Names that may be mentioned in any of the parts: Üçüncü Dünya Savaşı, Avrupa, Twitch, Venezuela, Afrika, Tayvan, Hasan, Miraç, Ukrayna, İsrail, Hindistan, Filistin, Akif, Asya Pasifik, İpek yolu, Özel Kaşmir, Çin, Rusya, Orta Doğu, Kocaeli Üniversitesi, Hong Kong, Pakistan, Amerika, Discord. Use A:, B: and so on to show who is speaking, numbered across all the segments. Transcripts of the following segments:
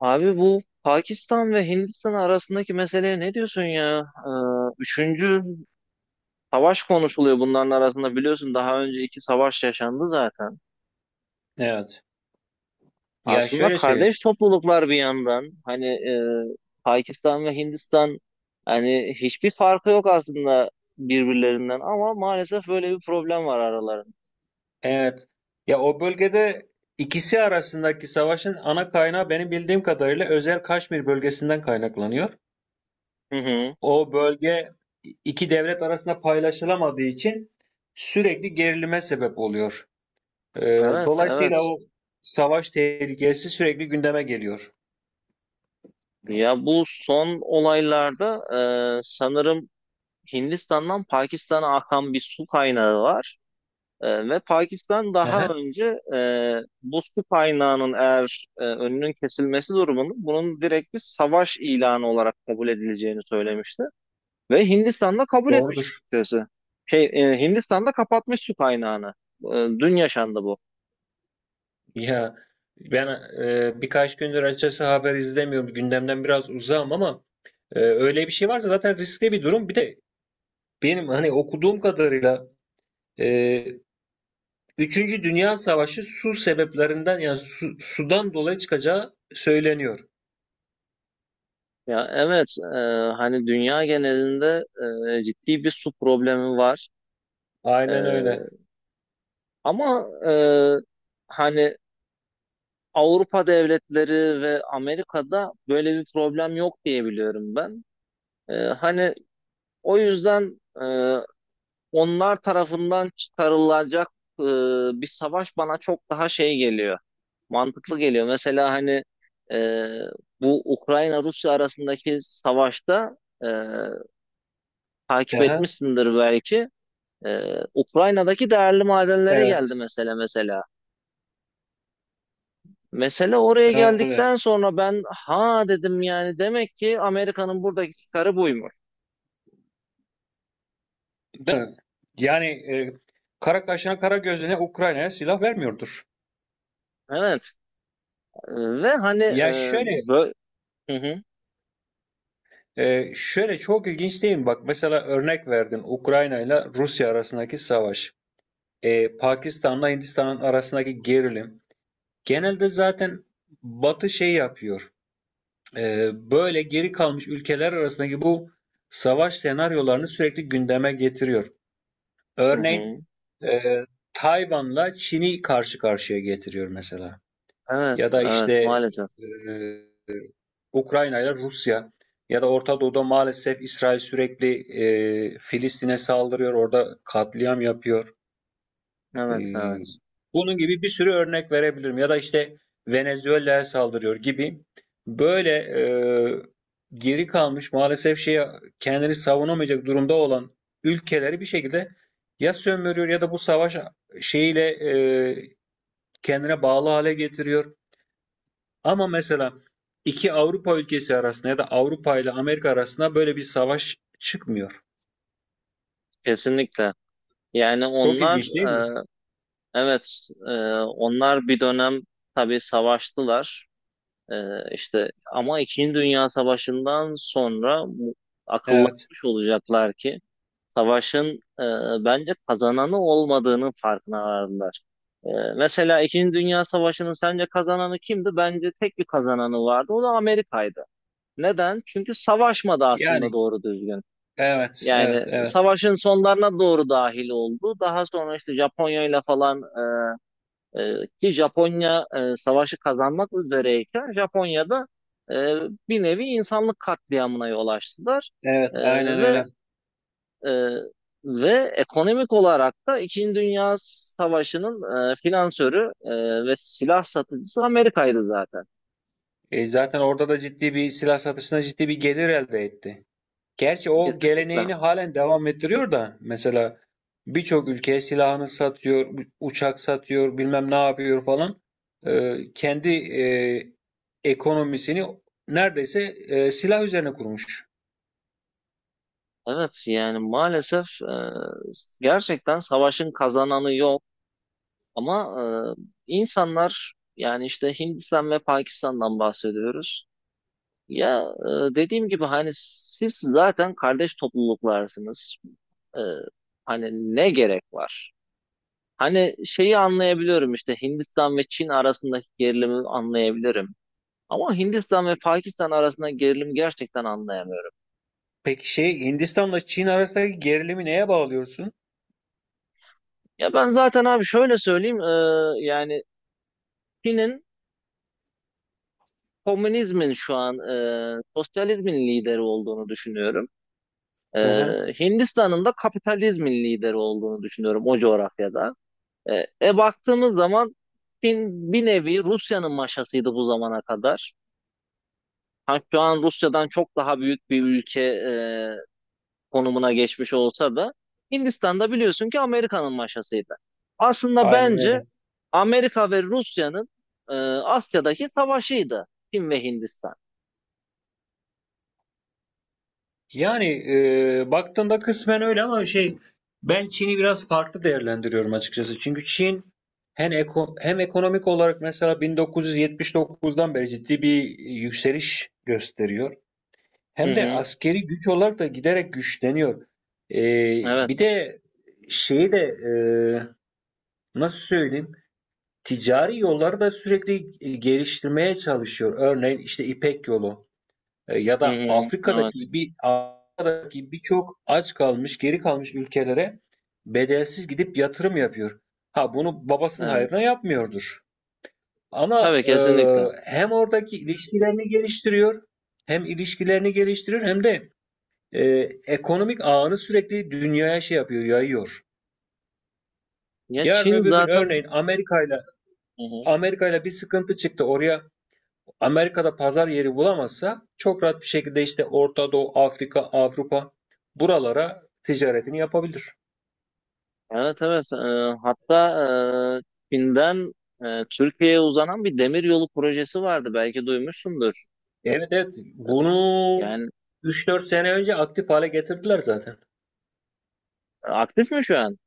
A: Abi bu Pakistan ve Hindistan arasındaki meseleye ne diyorsun ya? Üçüncü savaş konuşuluyor bunların arasında, biliyorsun daha önce iki savaş yaşandı zaten.
B: Evet. Ya
A: Aslında
B: şöyle söyleyeyim.
A: kardeş topluluklar bir yandan, hani Pakistan ve Hindistan hani hiçbir farkı yok aslında birbirlerinden, ama maalesef böyle bir problem var aralarında.
B: Evet. Ya o bölgede ikisi arasındaki savaşın ana kaynağı benim bildiğim kadarıyla Özel Kaşmir bölgesinden kaynaklanıyor.
A: Hı hı.
B: O bölge iki devlet arasında paylaşılamadığı için sürekli gerilime sebep oluyor.
A: Evet,
B: Dolayısıyla
A: evet.
B: o savaş tehlikesi sürekli gündeme geliyor.
A: Ya bu son olaylarda sanırım Hindistan'dan Pakistan'a akan bir su kaynağı var. Ve Pakistan
B: Hı
A: daha
B: hı.
A: önce, bu su kaynağının eğer önünün kesilmesi durumunda bunun direkt bir savaş ilanı olarak kabul edileceğini söylemişti. Ve Hindistan da kabul etmiş
B: Doğrudur.
A: açıkçası. Hindistan da kapatmış su kaynağını. E, dün yaşandı bu.
B: Ya ben birkaç gündür açıkçası haber izlemiyorum. Gündemden biraz uzağım ama öyle bir şey varsa zaten riskli bir durum. Bir de benim hani okuduğum kadarıyla e, Üçüncü Dünya Savaşı su sebeplerinden yani sudan dolayı çıkacağı söyleniyor.
A: Ya evet, hani dünya genelinde ciddi bir su problemi var.
B: Aynen öyle.
A: E, ama, hani Avrupa devletleri ve Amerika'da böyle bir problem yok diye biliyorum ben. Hani o yüzden onlar tarafından çıkarılacak e, bir savaş bana çok daha şey geliyor. Mantıklı geliyor. Mesela hani e, bu Ukrayna-Rusya arasındaki savaşta e, takip
B: Aha,
A: etmişsindir belki. Ukrayna'daki değerli madenlere geldi
B: evet.
A: mesela mesela. Mesele oraya
B: Öyle.
A: geldikten sonra ben ha dedim, yani demek ki Amerika'nın buradaki çıkarı buymuş.
B: Değil mi? Yani kara kaşına kara gözüne Ukrayna'ya silah vermiyordur.
A: Evet. E, Ve hani...
B: Ya şöyle
A: bö- Hı hı.
B: şöyle çok ilginç değil mi? Bak mesela örnek verdin Ukrayna ile Rusya arasındaki savaş. Pakistan'la Hindistan'ın arasındaki gerilim. Genelde zaten Batı şey yapıyor. Böyle geri kalmış ülkeler arasındaki bu savaş senaryolarını sürekli gündeme getiriyor.
A: Hı
B: Örneğin
A: hı.
B: e, Tayvan'la Çin'i karşı karşıya getiriyor mesela.
A: Evet,
B: Ya da
A: evet
B: işte
A: maalesef.
B: e, Ukrayna ile Rusya ya da Orta Doğu'da maalesef İsrail sürekli Filistin'e saldırıyor, orada katliam yapıyor. Ee,
A: Evet, evet.
B: Bunun gibi bir sürü örnek verebilirim. Ya da işte Venezuela'ya saldırıyor gibi. Böyle geri kalmış maalesef şeye kendini savunamayacak durumda olan ülkeleri bir şekilde ya sömürüyor ya da bu savaş şeyiyle e, kendine bağlı hale getiriyor. Ama mesela iki Avrupa ülkesi arasında ya da Avrupa ile Amerika arasında böyle bir savaş çıkmıyor.
A: Kesinlikle. Yani
B: Çok
A: onlar,
B: ilginç değil mi?
A: e, evet, onlar bir dönem tabii savaştılar. E, işte ama İkinci Dünya Savaşı'ndan sonra
B: Evet.
A: akıllanmış olacaklar ki savaşın e, bence kazananı olmadığının farkına vardılar. E, mesela İkinci Dünya Savaşı'nın sence kazananı kimdi? Bence tek bir kazananı vardı. O da Amerika'ydı. Neden? Çünkü savaşmadı aslında
B: Yani
A: doğru düzgün.
B: evet, evet,
A: Yani
B: evet.
A: savaşın sonlarına doğru dahil oldu. Daha sonra işte Japonya ile falan, ki Japonya savaşı kazanmak üzereyken Japonya'da e, bir nevi insanlık katliamına yol açtılar.
B: Evet,
A: E,
B: aynen öyle.
A: ve e, ve ekonomik olarak da İkinci Dünya Savaşı'nın finansörü ve silah satıcısı Amerika'ydı zaten.
B: Zaten orada da ciddi bir silah satışına ciddi bir gelir elde etti. Gerçi o
A: Kesinlikle.
B: geleneğini halen devam ettiriyor da mesela birçok ülkeye silahını satıyor, uçak satıyor, bilmem ne yapıyor falan. Kendi e, ekonomisini neredeyse silah üzerine kurmuş.
A: Evet, yani maalesef gerçekten savaşın kazananı yok. Ama insanlar, yani işte Hindistan ve Pakistan'dan bahsediyoruz. Ya dediğim gibi hani siz zaten kardeş topluluklarsınız. E, hani ne gerek var? Hani şeyi anlayabiliyorum, işte Hindistan ve Çin arasındaki gerilimi anlayabilirim. Ama Hindistan ve Pakistan arasında gerilim gerçekten anlayamıyorum.
B: Peki şey Hindistan'la Çin arasındaki gerilimi neye bağlıyorsun?
A: Ya ben zaten abi şöyle söyleyeyim, yani Çin'in komünizmin şu an, sosyalizmin lideri olduğunu düşünüyorum.
B: Hı hı.
A: Hindistan'ın da kapitalizmin lideri olduğunu düşünüyorum o coğrafyada. Baktığımız zaman Çin bir nevi Rusya'nın maşasıydı bu zamana kadar. Ha, şu an Rusya'dan çok daha büyük bir ülke konumuna geçmiş olsa da Hindistan'da biliyorsun ki Amerika'nın maşasıydı. Aslında
B: Aynen
A: bence
B: öyle.
A: Amerika ve Rusya'nın Asya'daki savaşıydı Çin ve Hindistan.
B: Yani baktığında kısmen öyle ama şey ben Çin'i biraz farklı değerlendiriyorum açıkçası. Çünkü Çin hem ekonomik olarak mesela 1979'dan beri ciddi bir yükseliş gösteriyor.
A: Hı
B: Hem de
A: hı,
B: askeri güç olarak da giderek güçleniyor. E,
A: evet.
B: Bir de şeyi de e, nasıl söyleyeyim? Ticari yolları da sürekli geliştirmeye çalışıyor. Örneğin işte İpek yolu ya
A: Hı
B: da
A: hı, evet,
B: Afrika'daki birçok aç kalmış, geri kalmış ülkelere bedelsiz gidip yatırım yapıyor. Ha bunu babasının
A: evet.
B: hayrına yapmıyordur. Ama
A: Tabii, kesinlikle.
B: hem oradaki ilişkilerini geliştiriyor, hem ilişkilerini geliştiriyor hem de e, ekonomik ağını sürekli dünyaya şey yapıyor, yayıyor.
A: Ya
B: Yarın
A: Çin
B: öbür gün
A: zaten...
B: örneğin
A: Hı hı.
B: Amerika'yla bir sıkıntı çıktı. Oraya Amerika'da pazar yeri bulamazsa çok rahat bir şekilde işte Orta Doğu, Afrika, Avrupa buralara ticaretini yapabilir.
A: Evet, evet. Hatta Çin'den Türkiye'ye uzanan bir demir yolu projesi vardı. Belki duymuşsundur.
B: Evet, evet, bunu
A: Yani
B: üç dört sene önce aktif hale getirdiler zaten.
A: aktif mi şu an?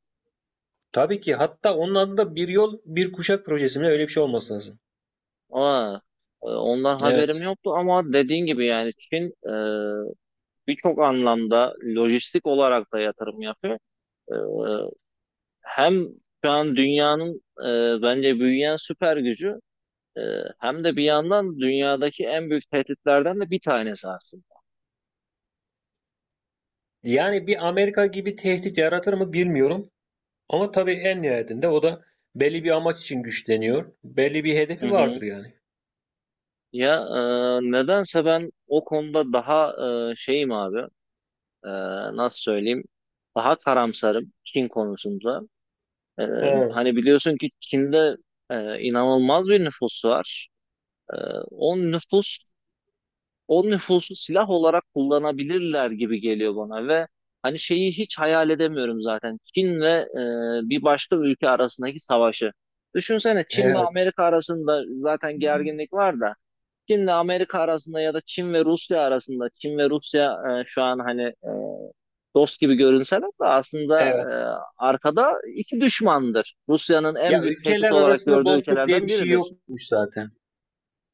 B: Tabii ki hatta onun adı da bir yol bir kuşak projesi mi öyle bir şey olması lazım.
A: Aa, ondan haberim
B: Evet.
A: yoktu, ama dediğin gibi yani Çin birçok anlamda lojistik olarak da yatırım yapıyor. E, hem şu an dünyanın bence büyüyen süper gücü, e, hem de bir yandan dünyadaki en büyük tehditlerden de bir tanesi aslında.
B: Yani bir Amerika gibi tehdit yaratır mı bilmiyorum. Ama tabii en nihayetinde o da belli bir amaç için güçleniyor. Belli bir
A: Hı
B: hedefi vardır
A: hı.
B: yani.
A: Ya nedense ben o konuda daha şeyim abi. E, nasıl söyleyeyim? Daha karamsarım Çin konusunda. E,
B: He.
A: hani biliyorsun ki Çin'de inanılmaz bir nüfus var. E, o nüfus o nüfusu silah olarak kullanabilirler gibi geliyor bana, ve hani şeyi hiç hayal edemiyorum zaten. Çin ve bir başka ülke arasındaki savaşı. Düşünsene, Çin ve
B: Evet.
A: Amerika arasında zaten gerginlik var da Çin'le Amerika arasında ya da Çin ve Rusya arasında. Çin ve Rusya şu an hani dost gibi görünseler de aslında
B: Evet.
A: arkada iki düşmandır. Rusya'nın en
B: Ya
A: büyük tehdit
B: ülkeler
A: olarak
B: arasında
A: gördüğü
B: dostluk diye bir
A: ülkelerden
B: şey
A: biridir.
B: yokmuş zaten.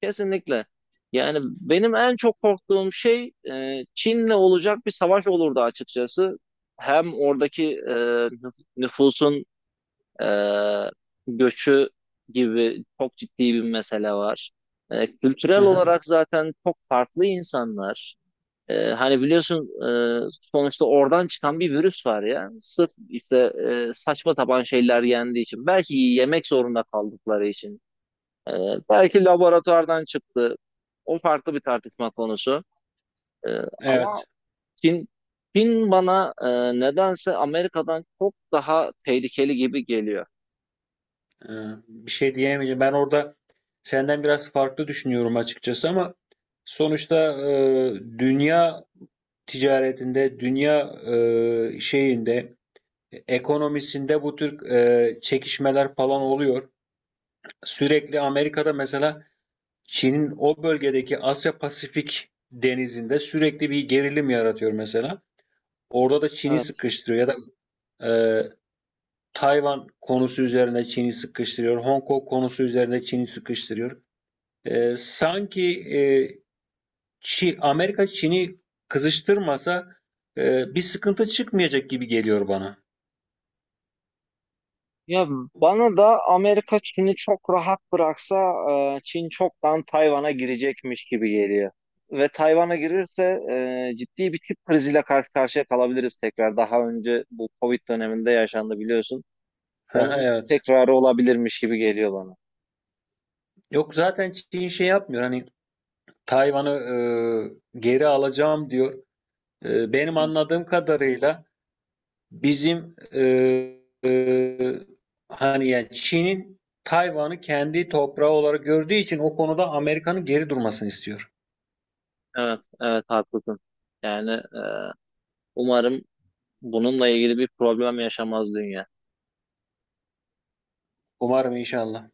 A: Kesinlikle. Yani benim en çok korktuğum şey Çin'le olacak bir savaş olurdu açıkçası. Hem oradaki, nüfusun ee, göçü gibi çok ciddi bir mesele var. Ee,
B: Hı
A: kültürel
B: hı.
A: olarak zaten çok farklı insanlar. Hani biliyorsun sonuçta oradan çıkan bir virüs var ya. Sırf işte saçma sapan şeyler yendiği için. Belki yemek zorunda kaldıkları için. Ee, belki laboratuvardan çıktı. O farklı bir tartışma konusu. Ama
B: Evet.
A: Çin, Çin bana nedense Amerika'dan çok daha tehlikeli gibi geliyor.
B: Ee, Bir şey diyemeyeceğim. Ben orada senden biraz farklı düşünüyorum açıkçası ama sonuçta dünya ticaretinde, dünya şeyinde, ekonomisinde bu tür çekişmeler falan oluyor. Sürekli Amerika'da mesela Çin'in o bölgedeki Asya Pasifik denizinde sürekli bir gerilim yaratıyor mesela. Orada da Çin'i sıkıştırıyor ya da e, Tayvan konusu üzerine Çin'i sıkıştırıyor. Hong Kong konusu üzerine Çin'i sıkıştırıyor. Sanki Amerika Çin'i kızıştırmasa bir sıkıntı çıkmayacak gibi geliyor bana.
A: Ya bana da Amerika Çin'i çok rahat bıraksa Çin çoktan Tayvan'a girecekmiş gibi geliyor. Ve Tayvan'a girirse ciddi bir tip kriziyle karşı karşıya kalabiliriz tekrar. Daha önce bu Covid döneminde yaşandı biliyorsun.
B: Aha,
A: Onun
B: evet.
A: tekrarı olabilirmiş gibi geliyor bana.
B: Yok zaten Çin şey yapmıyor. Hani Tayvan'ı geri alacağım diyor. Benim
A: Hı,
B: anladığım kadarıyla bizim hani yani Çin'in Tayvan'ı kendi toprağı olarak gördüğü için o konuda Amerika'nın geri durmasını istiyor.
A: evet, evet haklısın. Yani umarım bununla ilgili bir problem yaşamaz dünya.
B: Umarım inşallah.